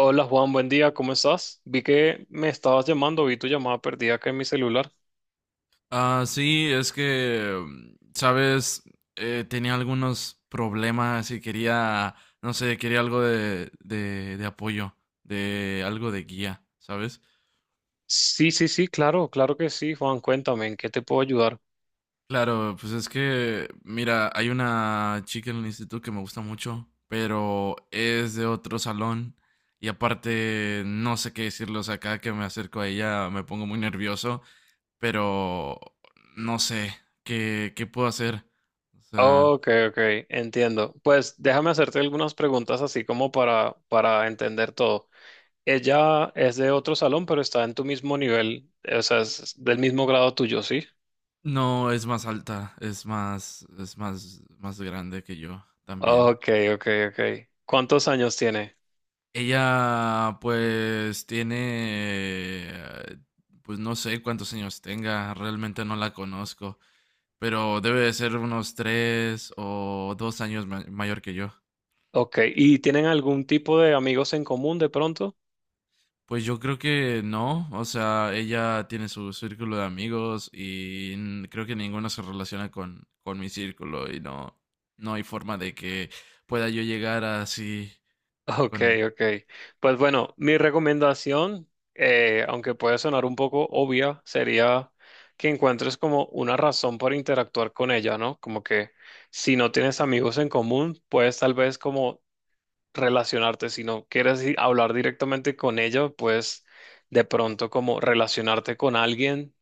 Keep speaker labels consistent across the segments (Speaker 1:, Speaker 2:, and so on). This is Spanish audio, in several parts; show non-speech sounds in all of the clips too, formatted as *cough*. Speaker 1: Hola Juan, buen día, ¿cómo estás? Vi que me estabas llamando, vi tu llamada perdida acá en mi celular.
Speaker 2: Ah, sí, es que, sabes, tenía algunos problemas y quería, no sé, quería algo de apoyo, de algo de guía, ¿sabes?
Speaker 1: Sí, sí, sí, claro, claro que sí, Juan, cuéntame, ¿en qué te puedo ayudar?
Speaker 2: Claro, pues es que, mira, hay una chica en el instituto que me gusta mucho, pero es de otro salón y aparte no sé qué decirle, o sea, cada que me acerco a ella me pongo muy nervioso, pero no sé qué puedo hacer, o sea...
Speaker 1: Ok, ok, entiendo. Pues déjame hacerte algunas preguntas así como para entender todo. Ella es de otro salón, pero está en tu mismo nivel, o sea, es del mismo grado tuyo, ¿sí?
Speaker 2: No, es más alta, más grande que yo también.
Speaker 1: Ok, ok, ok. ¿Cuántos años tiene?
Speaker 2: Ella, pues, tiene, pues no sé cuántos años tenga, realmente no la conozco, pero debe de ser unos tres o dos años mayor que yo.
Speaker 1: Ok, ¿y tienen algún tipo de amigos en común de pronto?
Speaker 2: Pues yo creo que no, o sea, ella tiene su círculo de amigos y creo que ninguno se relaciona con mi círculo y no, no hay forma de que pueda yo llegar así
Speaker 1: Ok,
Speaker 2: con,
Speaker 1: ok. Pues bueno, mi recomendación, aunque puede sonar un poco obvia, sería que encuentres como una razón para interactuar con ella, ¿no? Como que si no tienes amigos en común, puedes tal vez como relacionarte, si no quieres hablar directamente con ella, pues de pronto como relacionarte con alguien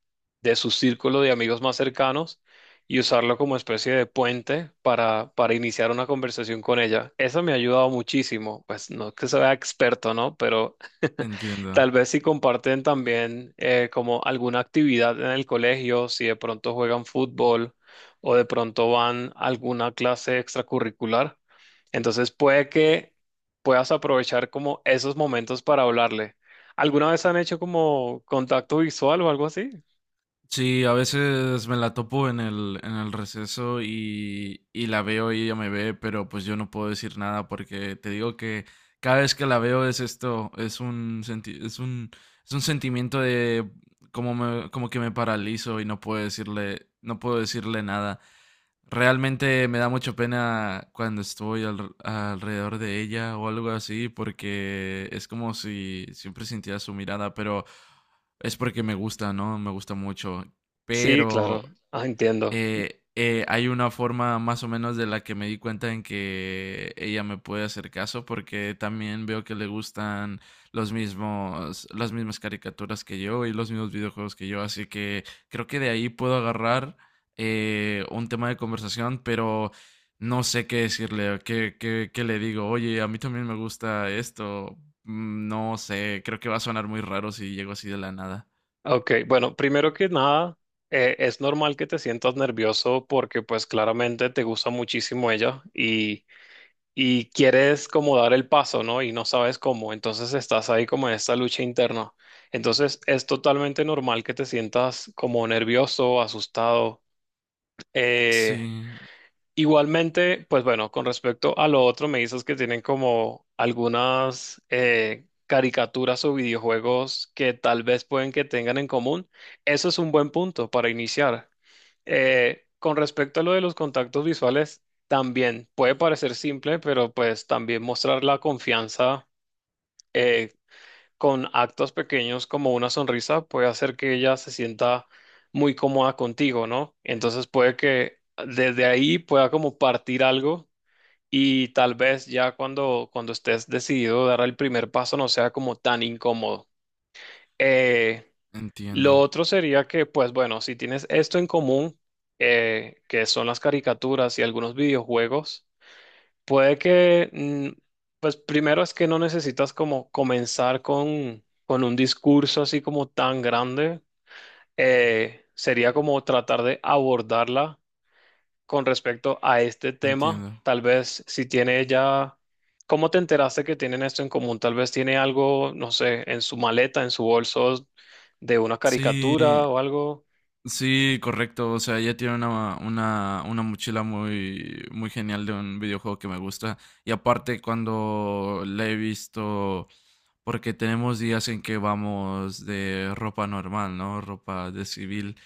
Speaker 1: de su círculo de amigos más cercanos y usarlo como especie de puente para iniciar una conversación con ella. Eso me ha ayudado muchísimo, pues no es que sea experto, ¿no? Pero *laughs*
Speaker 2: entiendo.
Speaker 1: tal vez si comparten también como alguna actividad en el colegio, si de pronto juegan fútbol o de pronto van a alguna clase extracurricular. Entonces puede que puedas aprovechar como esos momentos para hablarle. ¿Alguna vez han hecho como contacto visual o algo así?
Speaker 2: Sí, a veces me la topo en el receso y la veo y ella me ve, pero pues yo no puedo decir nada porque te digo que cada vez que la veo es esto, es un sentimiento de como que me paralizo y no puedo decirle, no puedo decirle nada. Realmente me da mucha pena cuando estoy alrededor de ella o algo así, porque es como si siempre sintiera su mirada, pero es porque me gusta, ¿no? Me gusta mucho.
Speaker 1: Sí, claro.
Speaker 2: Pero
Speaker 1: Ah, entiendo.
Speaker 2: hay una forma más o menos de la que me di cuenta en que ella me puede hacer caso porque también veo que le gustan las mismas caricaturas que yo y los mismos videojuegos que yo. Así que creo que de ahí puedo agarrar un tema de conversación, pero no sé qué decirle, o qué le digo. Oye, a mí también me gusta esto. No sé, creo que va a sonar muy raro si llego así de la nada.
Speaker 1: Ok, bueno, primero que nada, es normal que te sientas nervioso porque pues claramente te gusta muchísimo ella y quieres como dar el paso, ¿no? Y no sabes cómo, entonces estás ahí como en esta lucha interna. Entonces es totalmente normal que te sientas como nervioso, asustado. Eh,
Speaker 2: Sí,
Speaker 1: Igualmente, pues bueno, con respecto a lo otro, me dices que tienen como algunas caricaturas o videojuegos que tal vez pueden que tengan en común. Eso es un buen punto para iniciar. Con respecto a lo de los contactos visuales, también puede parecer simple, pero pues también mostrar la confianza eh, con actos pequeños como una sonrisa puede hacer que ella se sienta muy cómoda contigo, ¿no? Entonces puede que desde ahí pueda como partir algo y tal vez ya cuando estés decidido a dar el primer paso no sea como tan incómodo. Eh, lo
Speaker 2: entiendo,
Speaker 1: otro sería que, pues bueno, si tienes esto en común, que son las caricaturas y algunos videojuegos, puede que, pues primero es que no necesitas como comenzar con un discurso así como tan grande. Sería como tratar de abordarla con respecto a este tema,
Speaker 2: entiendo.
Speaker 1: tal vez si tiene ella, ¿cómo te enteraste que tienen esto en común? Tal vez tiene algo, no sé, en su maleta, en su bolso de una
Speaker 2: Sí,
Speaker 1: caricatura o algo.
Speaker 2: sí, correcto. O sea, ella tiene una mochila muy, muy genial de un videojuego que me gusta. Y aparte, cuando la he visto, porque tenemos días en que vamos de ropa normal, ¿no? Ropa de civil.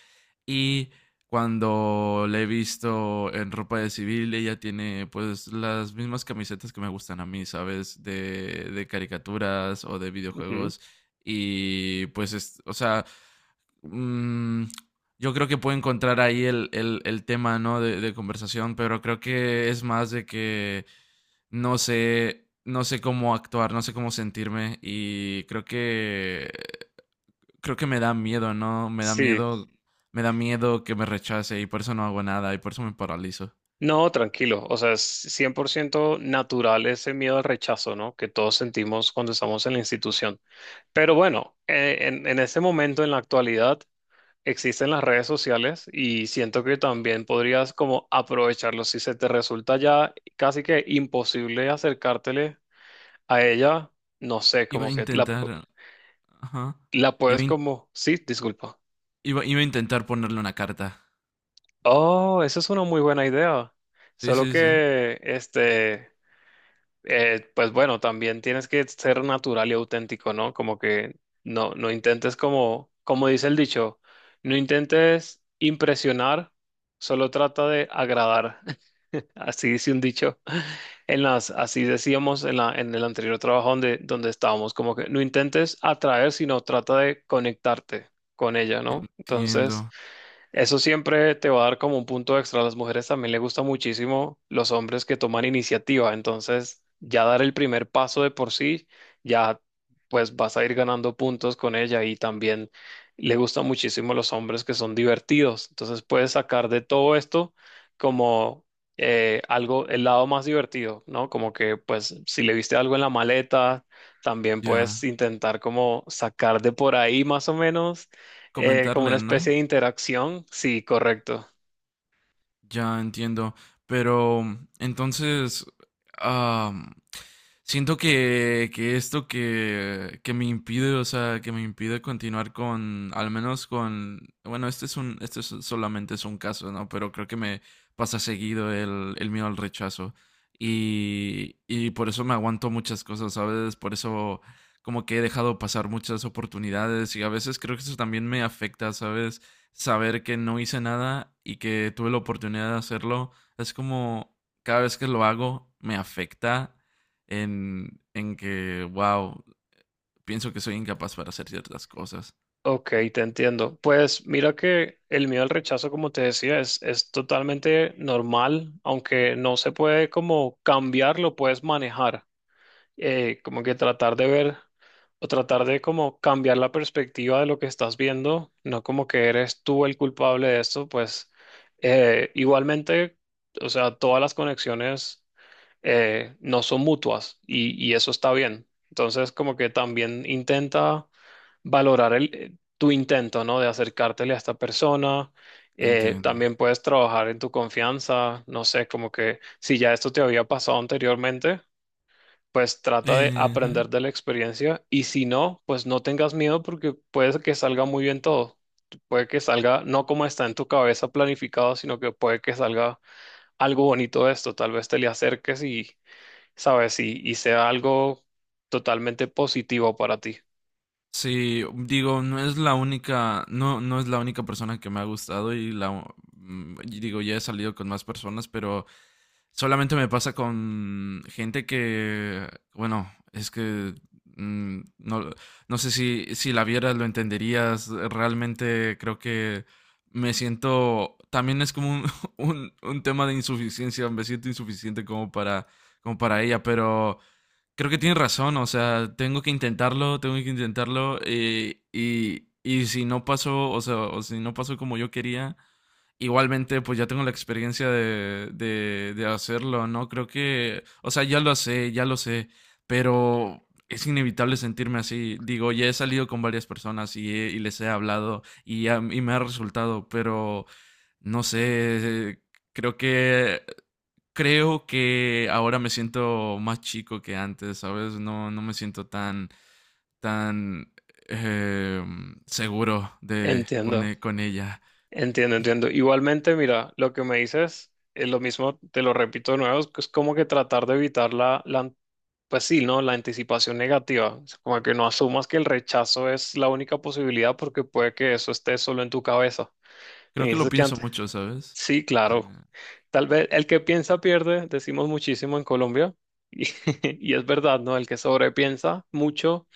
Speaker 2: Y cuando la he visto en ropa de civil, ella tiene pues las mismas camisetas que me gustan a mí, ¿sabes? De caricaturas o de
Speaker 1: Ujú.
Speaker 2: videojuegos. Y pues, es, o sea, mm, yo creo que puedo encontrar ahí el tema, ¿no? De conversación, pero creo que es más de que no sé, no sé cómo actuar, no sé cómo sentirme y creo que me da miedo, ¿no?
Speaker 1: Sí,
Speaker 2: Me da miedo que me rechace y por eso no hago nada y por eso me paralizo.
Speaker 1: no, tranquilo, o sea, es 100% natural ese miedo al rechazo, ¿no? Que todos sentimos cuando estamos en la institución. Pero bueno, en este momento, en la actualidad, existen las redes sociales y siento que también podrías como aprovecharlo. Si se te resulta ya casi que imposible acercártele a ella, no sé,
Speaker 2: Iba a
Speaker 1: como que la,
Speaker 2: intentar, ajá.
Speaker 1: la
Speaker 2: Iba
Speaker 1: puedes
Speaker 2: a, in-
Speaker 1: como... Sí, disculpa.
Speaker 2: iba a intentar ponerle una carta.
Speaker 1: Oh, esa es una muy buena idea.
Speaker 2: Sí,
Speaker 1: Solo
Speaker 2: sí, sí.
Speaker 1: que, este, pues bueno, también tienes que ser natural y auténtico, ¿no? Como que no, no intentes como, como dice el dicho, no intentes impresionar, solo trata de agradar. Así dice un dicho. En las, así decíamos en la, en el anterior trabajo donde estábamos, como que no intentes atraer, sino trata de conectarte con ella, ¿no? Entonces,
Speaker 2: Entiendo.
Speaker 1: eso siempre te va a dar como un punto extra. A las mujeres también les gusta muchísimo los hombres que toman iniciativa. Entonces, ya dar el primer paso de por sí, ya pues vas a ir ganando puntos con ella y también le gustan muchísimo los hombres que son divertidos. Entonces, puedes sacar de todo esto como algo, el lado más divertido, ¿no? Como que pues si le viste algo en la maleta, también puedes
Speaker 2: Ya.
Speaker 1: intentar como sacar de por ahí más o menos como una
Speaker 2: Comentarle, ¿no?
Speaker 1: especie de interacción. Sí, correcto.
Speaker 2: Ya entiendo, pero entonces am, siento que esto que me impide, o sea, que me impide continuar con, al menos con, bueno, este es un, solamente es un caso, ¿no? Pero creo que me pasa seguido el miedo al rechazo y por eso me aguanto muchas cosas, ¿sabes? Por eso como que he dejado pasar muchas oportunidades y a veces creo que eso también me afecta, ¿sabes? Saber que no hice nada y que tuve la oportunidad de hacerlo, es como cada vez que lo hago me afecta en que, wow, pienso que soy incapaz para hacer ciertas cosas.
Speaker 1: Ok, te entiendo. Pues mira que el miedo al rechazo, como te decía, es totalmente normal, aunque no se puede como cambiar, lo puedes manejar. Como que tratar de ver o tratar de como cambiar la perspectiva de lo que estás viendo, no como que eres tú el culpable de esto, pues igualmente, o sea, todas las conexiones. No son mutuas y eso está bien. Entonces, como que también intenta valorar el, tu intento, ¿no? De acercártele a esta persona.
Speaker 2: Entiendo.
Speaker 1: También puedes trabajar en tu confianza, no sé, como que si ya esto te había pasado anteriormente, pues trata de
Speaker 2: Eh,
Speaker 1: aprender de la experiencia y si no, pues no tengas miedo porque puede que salga muy bien todo. Puede que salga no como está en tu cabeza planificado, sino que puede que salga algo bonito de esto. Tal vez te le acerques y, sabes, y sea algo totalmente positivo para ti.
Speaker 2: sí, digo, no es la única, no es la única persona que me ha gustado y la, y digo, ya he salido con más personas, pero solamente me pasa con gente que, bueno, es que no, no sé si, si la vieras, lo entenderías. Realmente creo que me siento, también es como un, *laughs* un tema de insuficiencia, me siento insuficiente como para, como para ella, pero creo que tienes razón, o sea, tengo que intentarlo y si no pasó, o sea, o si no pasó como yo quería, igualmente, pues ya tengo la experiencia de hacerlo, ¿no? Creo que, o sea, ya lo sé, pero es inevitable sentirme así. Digo, ya he salido con varias personas y, y les he hablado y, y me ha resultado, pero no sé, creo que, creo que ahora me siento más chico que antes, ¿sabes? No, no me siento tan, tan eh, seguro de, con,
Speaker 1: Entiendo.
Speaker 2: con ella.
Speaker 1: Entiendo, entiendo. Igualmente, mira, lo que me dices es lo mismo, te lo repito de nuevo, es que es como que tratar de evitar pues sí, ¿no? La anticipación negativa. Es como que no asumas que el rechazo es la única posibilidad porque puede que eso esté solo en tu cabeza. Me
Speaker 2: Creo que lo
Speaker 1: dices que
Speaker 2: pienso
Speaker 1: antes.
Speaker 2: mucho, ¿sabes?
Speaker 1: Sí, claro.
Speaker 2: También.
Speaker 1: Tal vez el que piensa pierde, decimos muchísimo en Colombia. Y, *laughs* y es verdad, ¿no? El que sobrepiensa mucho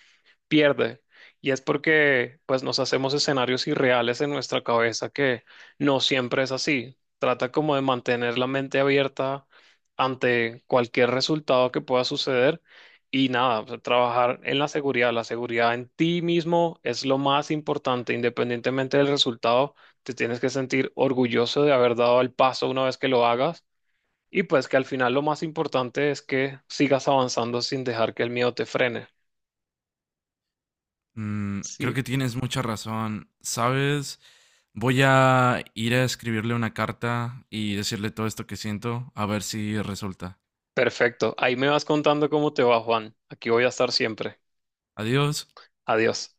Speaker 1: pierde. Y es porque pues nos hacemos escenarios irreales en nuestra cabeza que no siempre es así. Trata como de mantener la mente abierta ante cualquier resultado que pueda suceder y nada, o sea, trabajar en la seguridad. La seguridad en ti mismo es lo más importante, independientemente del resultado, te tienes que sentir orgulloso de haber dado el paso una vez que lo hagas y pues que al final lo más importante es que sigas avanzando sin dejar que el miedo te frene.
Speaker 2: Creo
Speaker 1: Sí.
Speaker 2: que tienes mucha razón. ¿Sabes? Voy a ir a escribirle una carta y decirle todo esto que siento, a ver si resulta.
Speaker 1: Perfecto. Ahí me vas contando cómo te va, Juan. Aquí voy a estar siempre.
Speaker 2: Adiós.
Speaker 1: Adiós.